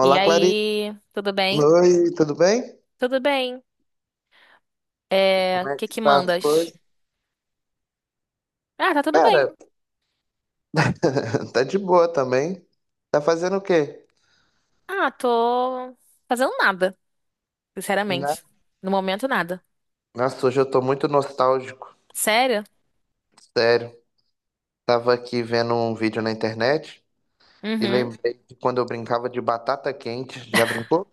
E Clarice. aí, tudo bem? Oi, tudo bem? Tudo bem. É, Como o é que que que tá as mandas? coisas? Ah, tá tudo bem. Cara, tá de boa também. Tá fazendo o quê? Ah, tô fazendo nada, Na- sinceramente. No momento, nada. Nossa, hoje eu tô muito nostálgico. Sério? Sério. Tava aqui vendo um vídeo na internet e Uhum. lembrei de quando eu brincava de batata quente. Já brincou?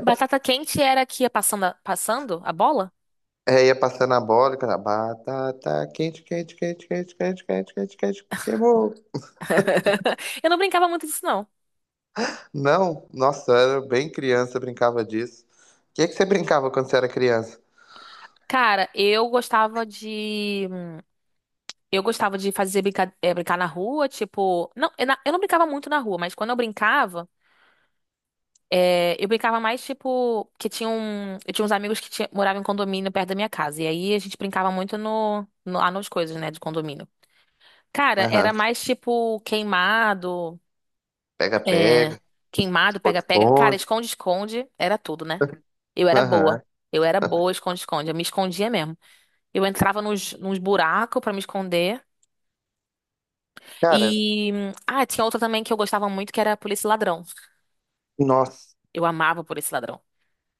Batata quente era que ia passando a bola? É, ia passando a bola e cantava, batata quente, quente, quente, quente, quente, quente, quente, quente, queimou. Eu não brincava muito disso, não. Não, nossa, eu era bem criança, eu brincava disso. O que que você brincava quando você era criança? Cara, eu gostava de. Eu gostava de fazer brincar na rua, tipo. Não, eu não brincava muito na rua, mas quando eu brincava. É, eu brincava mais, tipo, que tinha eu tinha uns amigos que moravam em condomínio perto da minha casa. E aí a gente brincava muito no, no, lá nas coisas, né, de condomínio. Cara, era Aham, mais tipo queimado, pega, é, pega. queimado, Outro pega-pega. Cara, ponto. esconde-esconde era tudo, né? Eu era boa. Aham. Eu era boa, esconde-esconde. Eu me escondia mesmo. Eu entrava nos buracos pra me esconder. Cara, Ah, tinha outra também que eu gostava muito, que era Polícia e Ladrão. nossa. Eu amava Polícia e Ladrão.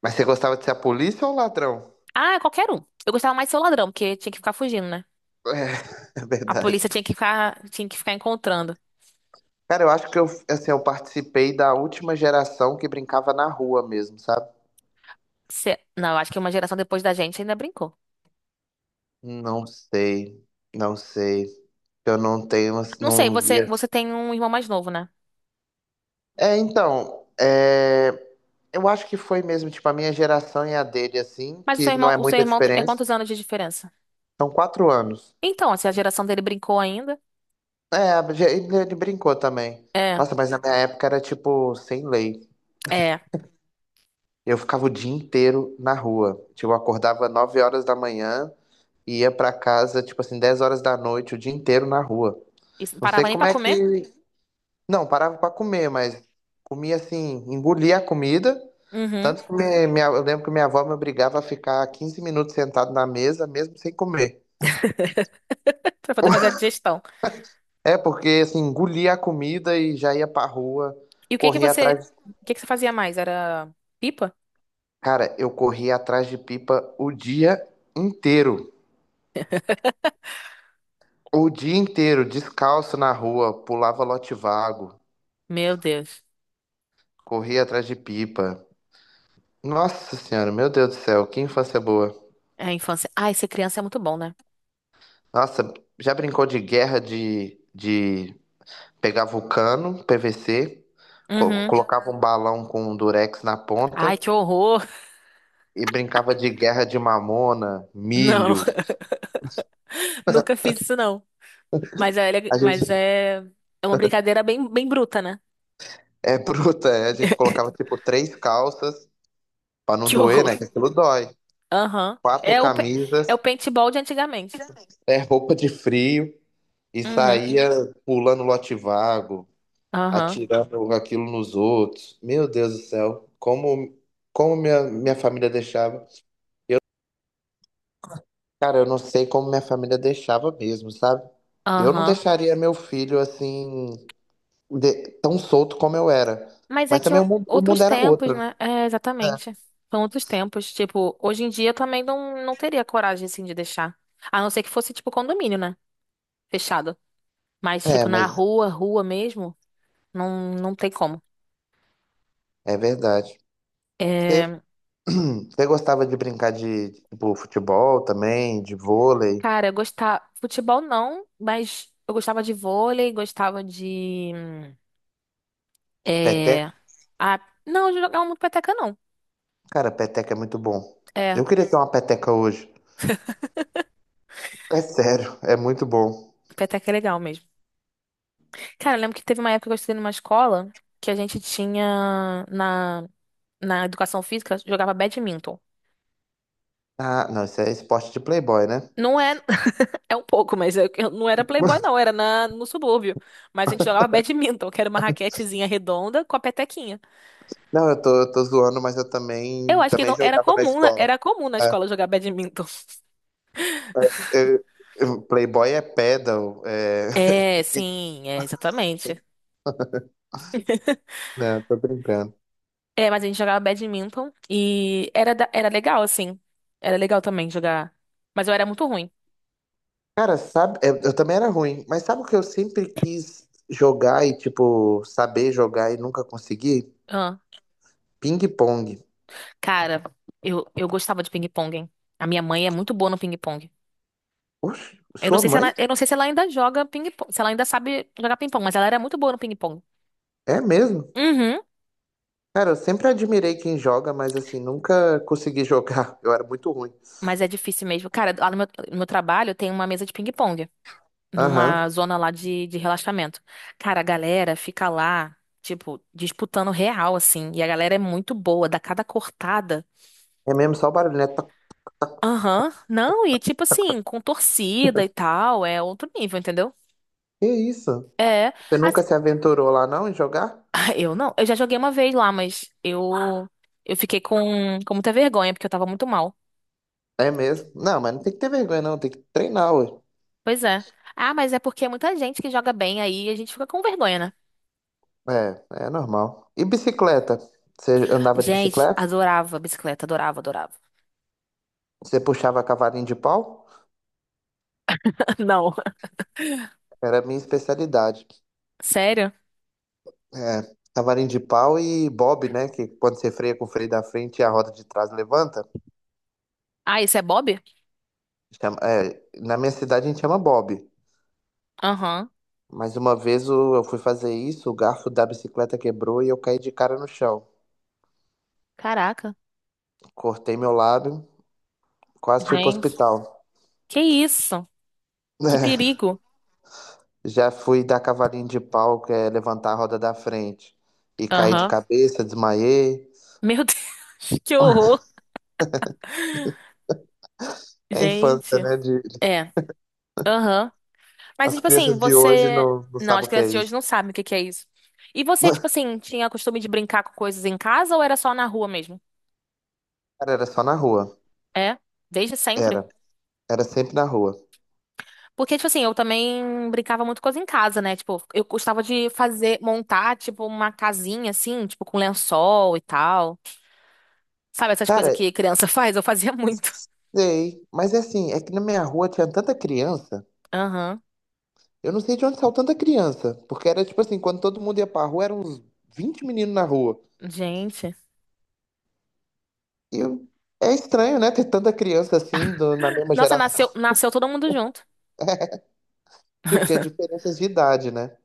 Mas você gostava de ser a polícia ou o ladrão? Ah, qualquer um. Eu gostava mais de ser o ladrão, porque tinha que ficar fugindo, né? É, é A polícia verdade. Tinha que ficar encontrando. Cara, eu acho que eu, assim, eu participei da última geração que brincava na rua mesmo, sabe? Não, acho que uma geração depois da gente ainda brincou. Não sei, não sei. Eu não tenho, assim, Não sei, não via. você tem um irmão mais novo, né? É, então, é, eu acho que foi mesmo, tipo, a minha geração e a dele, assim, Mas que não é o seu muita irmão é diferença. quantos anos de diferença? São 4 anos. Então, se a geração dele brincou ainda. É, ele brincou também. É, Nossa, mas na minha época era, tipo, sem lei. é. Eu ficava o dia inteiro na rua. Tipo, eu acordava 9 horas da manhã e ia pra casa, tipo assim, 10 horas da noite, o dia inteiro na rua. Isso, não Não sei parava nem como pra é comer? que. Não, parava pra comer, mas comia assim, engolia a comida. Uhum. Tanto que eu lembro que minha avó me obrigava a ficar 15 minutos sentado na mesa, mesmo sem comer. Pra poder fazer a digestão. É, porque assim, engolia a comida e já ia pra rua, E corria atrás. o que que você fazia mais? Era pipa? Cara, eu corria atrás de pipa o dia inteiro. O dia inteiro, descalço na rua, pulava lote vago, Meu Deus. corria atrás de pipa. Nossa senhora, meu Deus do céu, que infância boa. É a infância. Ai, ser criança é muito bom, né? Nossa, já brincou de guerra de pegar vulcano, PVC, Uhum. colocava um balão com um durex na Ai, ponta que horror. e brincava de guerra de mamona, Não, milho. nunca fiz isso não. Mas é, A gente é uma brincadeira bem, bem bruta, né? é bruta, é, a gente colocava tipo três calças pra não Que doer, horror. né? Que aquilo dói. Aham. Quatro É o camisas, paintball de antigamente. é roupa de frio. E Uhum. saía pulando lote vago, Aham. atirando aquilo nos outros. Meu Deus do céu, como minha família deixava. Cara, eu não sei como minha família deixava mesmo, sabe? Eu não Aham. deixaria meu filho assim, tão solto como eu era. Mas é Mas que também o mundo, o outros mundo era tempos, outro, né? É, exatamente. São outros tempos. Tipo, hoje em dia eu também não teria coragem, assim, de deixar. A não ser que fosse, tipo, condomínio, né? Fechado. Mas, né? É, tipo, na mas rua, rua mesmo, não, não tem como. é verdade. Você, É, você gostava de brincar de, tipo, futebol também, de vôlei, cara, eu gostava. Futebol não, mas eu gostava de vôlei, gostava de. peteca? É. Ah, não, eu jogava muito peteca, não. Cara, peteca é muito bom. É, Eu queria ter uma peteca hoje. É sério, é muito bom. peteca é legal mesmo. Cara, eu lembro que teve uma época que eu estudei numa escola que a gente tinha na educação física, jogava badminton. Ah, não, isso é esporte de playboy, né? Não é, é um pouco, mas eu não era playboy, não, era no subúrbio. Mas a gente jogava badminton, que era uma raquetezinha redonda com a petequinha. Não, eu tô zoando, mas eu Eu também, acho que também não, era jogava na comum, escola. era comum na É, escola jogar badminton. é, eu- Playboy é pedal. É, sim, é, exatamente. Não, tô brincando. É, mas a gente jogava badminton e era, era legal, assim. Era legal também jogar. Mas eu era muito ruim. Cara, sabe, eu também era ruim, mas sabe o que eu sempre quis jogar e, tipo, saber jogar e nunca consegui? Ah, Ping-pong. cara, eu gostava de ping-pong, hein? A minha mãe é muito boa no ping-pong. Oxe, Eu não sua sei se mãe? ela, eu não sei se ela ainda joga ping-pong, se ela ainda sabe jogar ping-pong, mas ela era muito boa no ping-pong. É mesmo? Uhum, Cara, eu sempre admirei quem joga, mas assim, nunca consegui jogar. Eu era muito ruim. mas é difícil mesmo. Cara, lá no meu trabalho tem uma mesa de ping-pong, Aham. numa zona lá de relaxamento. Cara, a galera fica lá, tipo, disputando real, assim. E a galera é muito boa, dá cada cortada. É mesmo só o barulho, né? Aham. Não, e tipo assim, com torcida e tal, é outro nível, entendeu? Que isso? É. Você assim- nunca se aventurou lá não em jogar? Ah, eu não. Eu já joguei uma vez lá, mas eu fiquei com muita vergonha, porque eu tava muito mal. É mesmo? Não, mas não tem que ter vergonha não, tem que treinar, ué. Pois é. Ah, mas é porque é muita gente que joga bem aí, a gente fica com vergonha, né? É, é normal. E bicicleta? Você andava de Gente, bicicleta? adorava bicicleta, adorava, adorava. Você puxava cavalinho de pau? Não. Era a minha especialidade. Sério? É, cavalinho de pau e bob, né? Que quando você freia com o freio da frente e a roda de trás levanta. Ah, isso é Bob? É, na minha cidade a gente chama bob. Aham. Mas uma vez eu fui fazer isso, o garfo da bicicleta quebrou e eu caí de cara no chão. Caraca. Cortei meu lábio, quase fui pro Gente. hospital. Que isso? Que perigo. Já fui dar cavalinho de pau, que é levantar a roda da frente. E caí de Aham. cabeça, desmaiei. Meu Deus, que horror. É a Gente. infância, né? De... É. Aham. Mas, As tipo assim, crianças de hoje você. não Não, sabem as o que é crianças de hoje isso. não sabem o que que é isso. E você, tipo assim, tinha costume de brincar com coisas em casa ou era só na rua mesmo? Cara, era só na rua. É, desde sempre. Era. Era sempre na rua. Porque, tipo assim, eu também brincava muito coisa em casa, né? Tipo, eu gostava de fazer, montar, tipo, uma casinha assim, tipo, com lençol e tal. Sabe essas coisas Cara, que criança faz? Eu fazia muito. sei. Mas é assim, é que na minha rua tinha tanta criança. Aham. Eu não sei de onde saiu tanta criança. Porque era tipo assim, quando todo mundo ia pra rua, eram uns 20 meninos na rua. Gente. E eu- é estranho, né? Ter tanta criança assim, na mesma Nossa, nasceu, geração. nasceu todo mundo junto. Tipo, tinha diferenças de idade, né?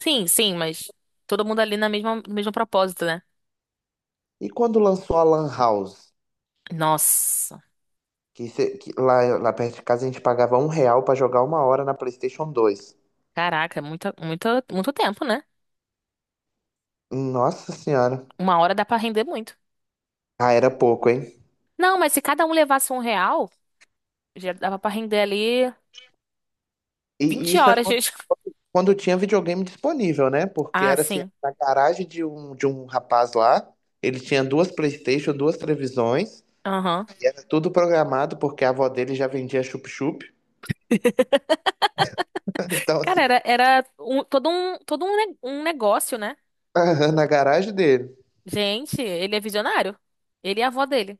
Sim, sim, mas todo mundo ali na mesma, no mesmo propósito, né? E quando lançou a Lan House, Nossa. Que lá perto de casa a gente pagava R$1 pra jogar 1 hora na PlayStation 2. Caraca, é muita, muita, muito tempo, né? Nossa senhora. Uma hora dá pra render muito. Ah, era pouco, hein? Não, mas se cada um levasse um real, já dava pra render ali E vinte isso é horas de... quando, quando tinha videogame disponível, né? Porque Ah, era assim, sim. na garagem de um rapaz lá, ele tinha duas PlayStation, duas televisões, Aham. tudo programado, porque a avó dele já vendia chup-chup. Então, Cara, assim, era, todo todo um negócio, né? na garagem dele. Gente, ele é visionário. Ele e a avó dele.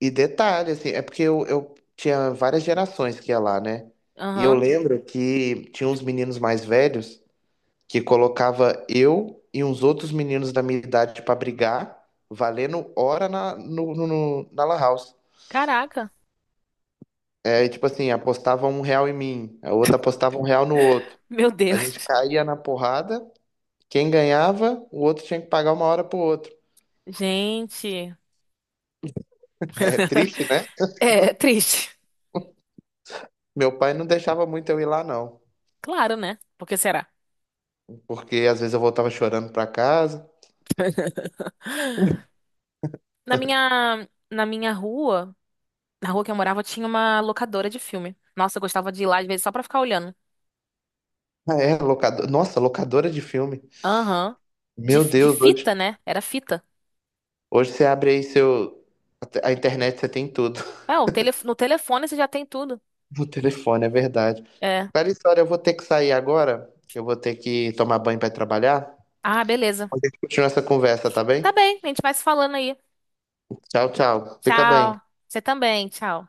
E detalhe, assim, é porque eu tinha várias gerações que ia lá, né? E eu Aham. lembro que tinha uns meninos mais velhos que colocava eu e uns outros meninos da minha idade pra brigar, valendo hora na, no, no- no- na Lan House. Caraca. É, e tipo assim, apostava R$1 em mim, a outra apostava R$1 no outro. Meu A gente Deus. caía na porrada, quem ganhava, o outro tinha que pagar 1 hora pro outro. Gente. É triste, né? É triste. Meu pai não deixava muito eu ir lá, não, Claro, né? Por que será? porque às vezes eu voltava chorando pra casa. Na minha rua. Na rua que eu morava tinha uma locadora de filme. Nossa, eu gostava de ir lá às vezes só pra ficar olhando. Ah, é, nossa, locadora de filme. Aham. Meu De Deus, hoje, fita, né? Era fita. hoje você abre aí seu. A internet você tem tudo. É, no telefone você já tem tudo. O telefone, é verdade. É. Clarissa, história eu vou ter que sair agora, que eu vou ter que tomar banho para trabalhar. Ah, beleza. A gente continua essa conversa, tá Tá bem? bem, a gente vai se falando aí. Tchau, tchau. Fica bem. Tchau. Você também, tchau.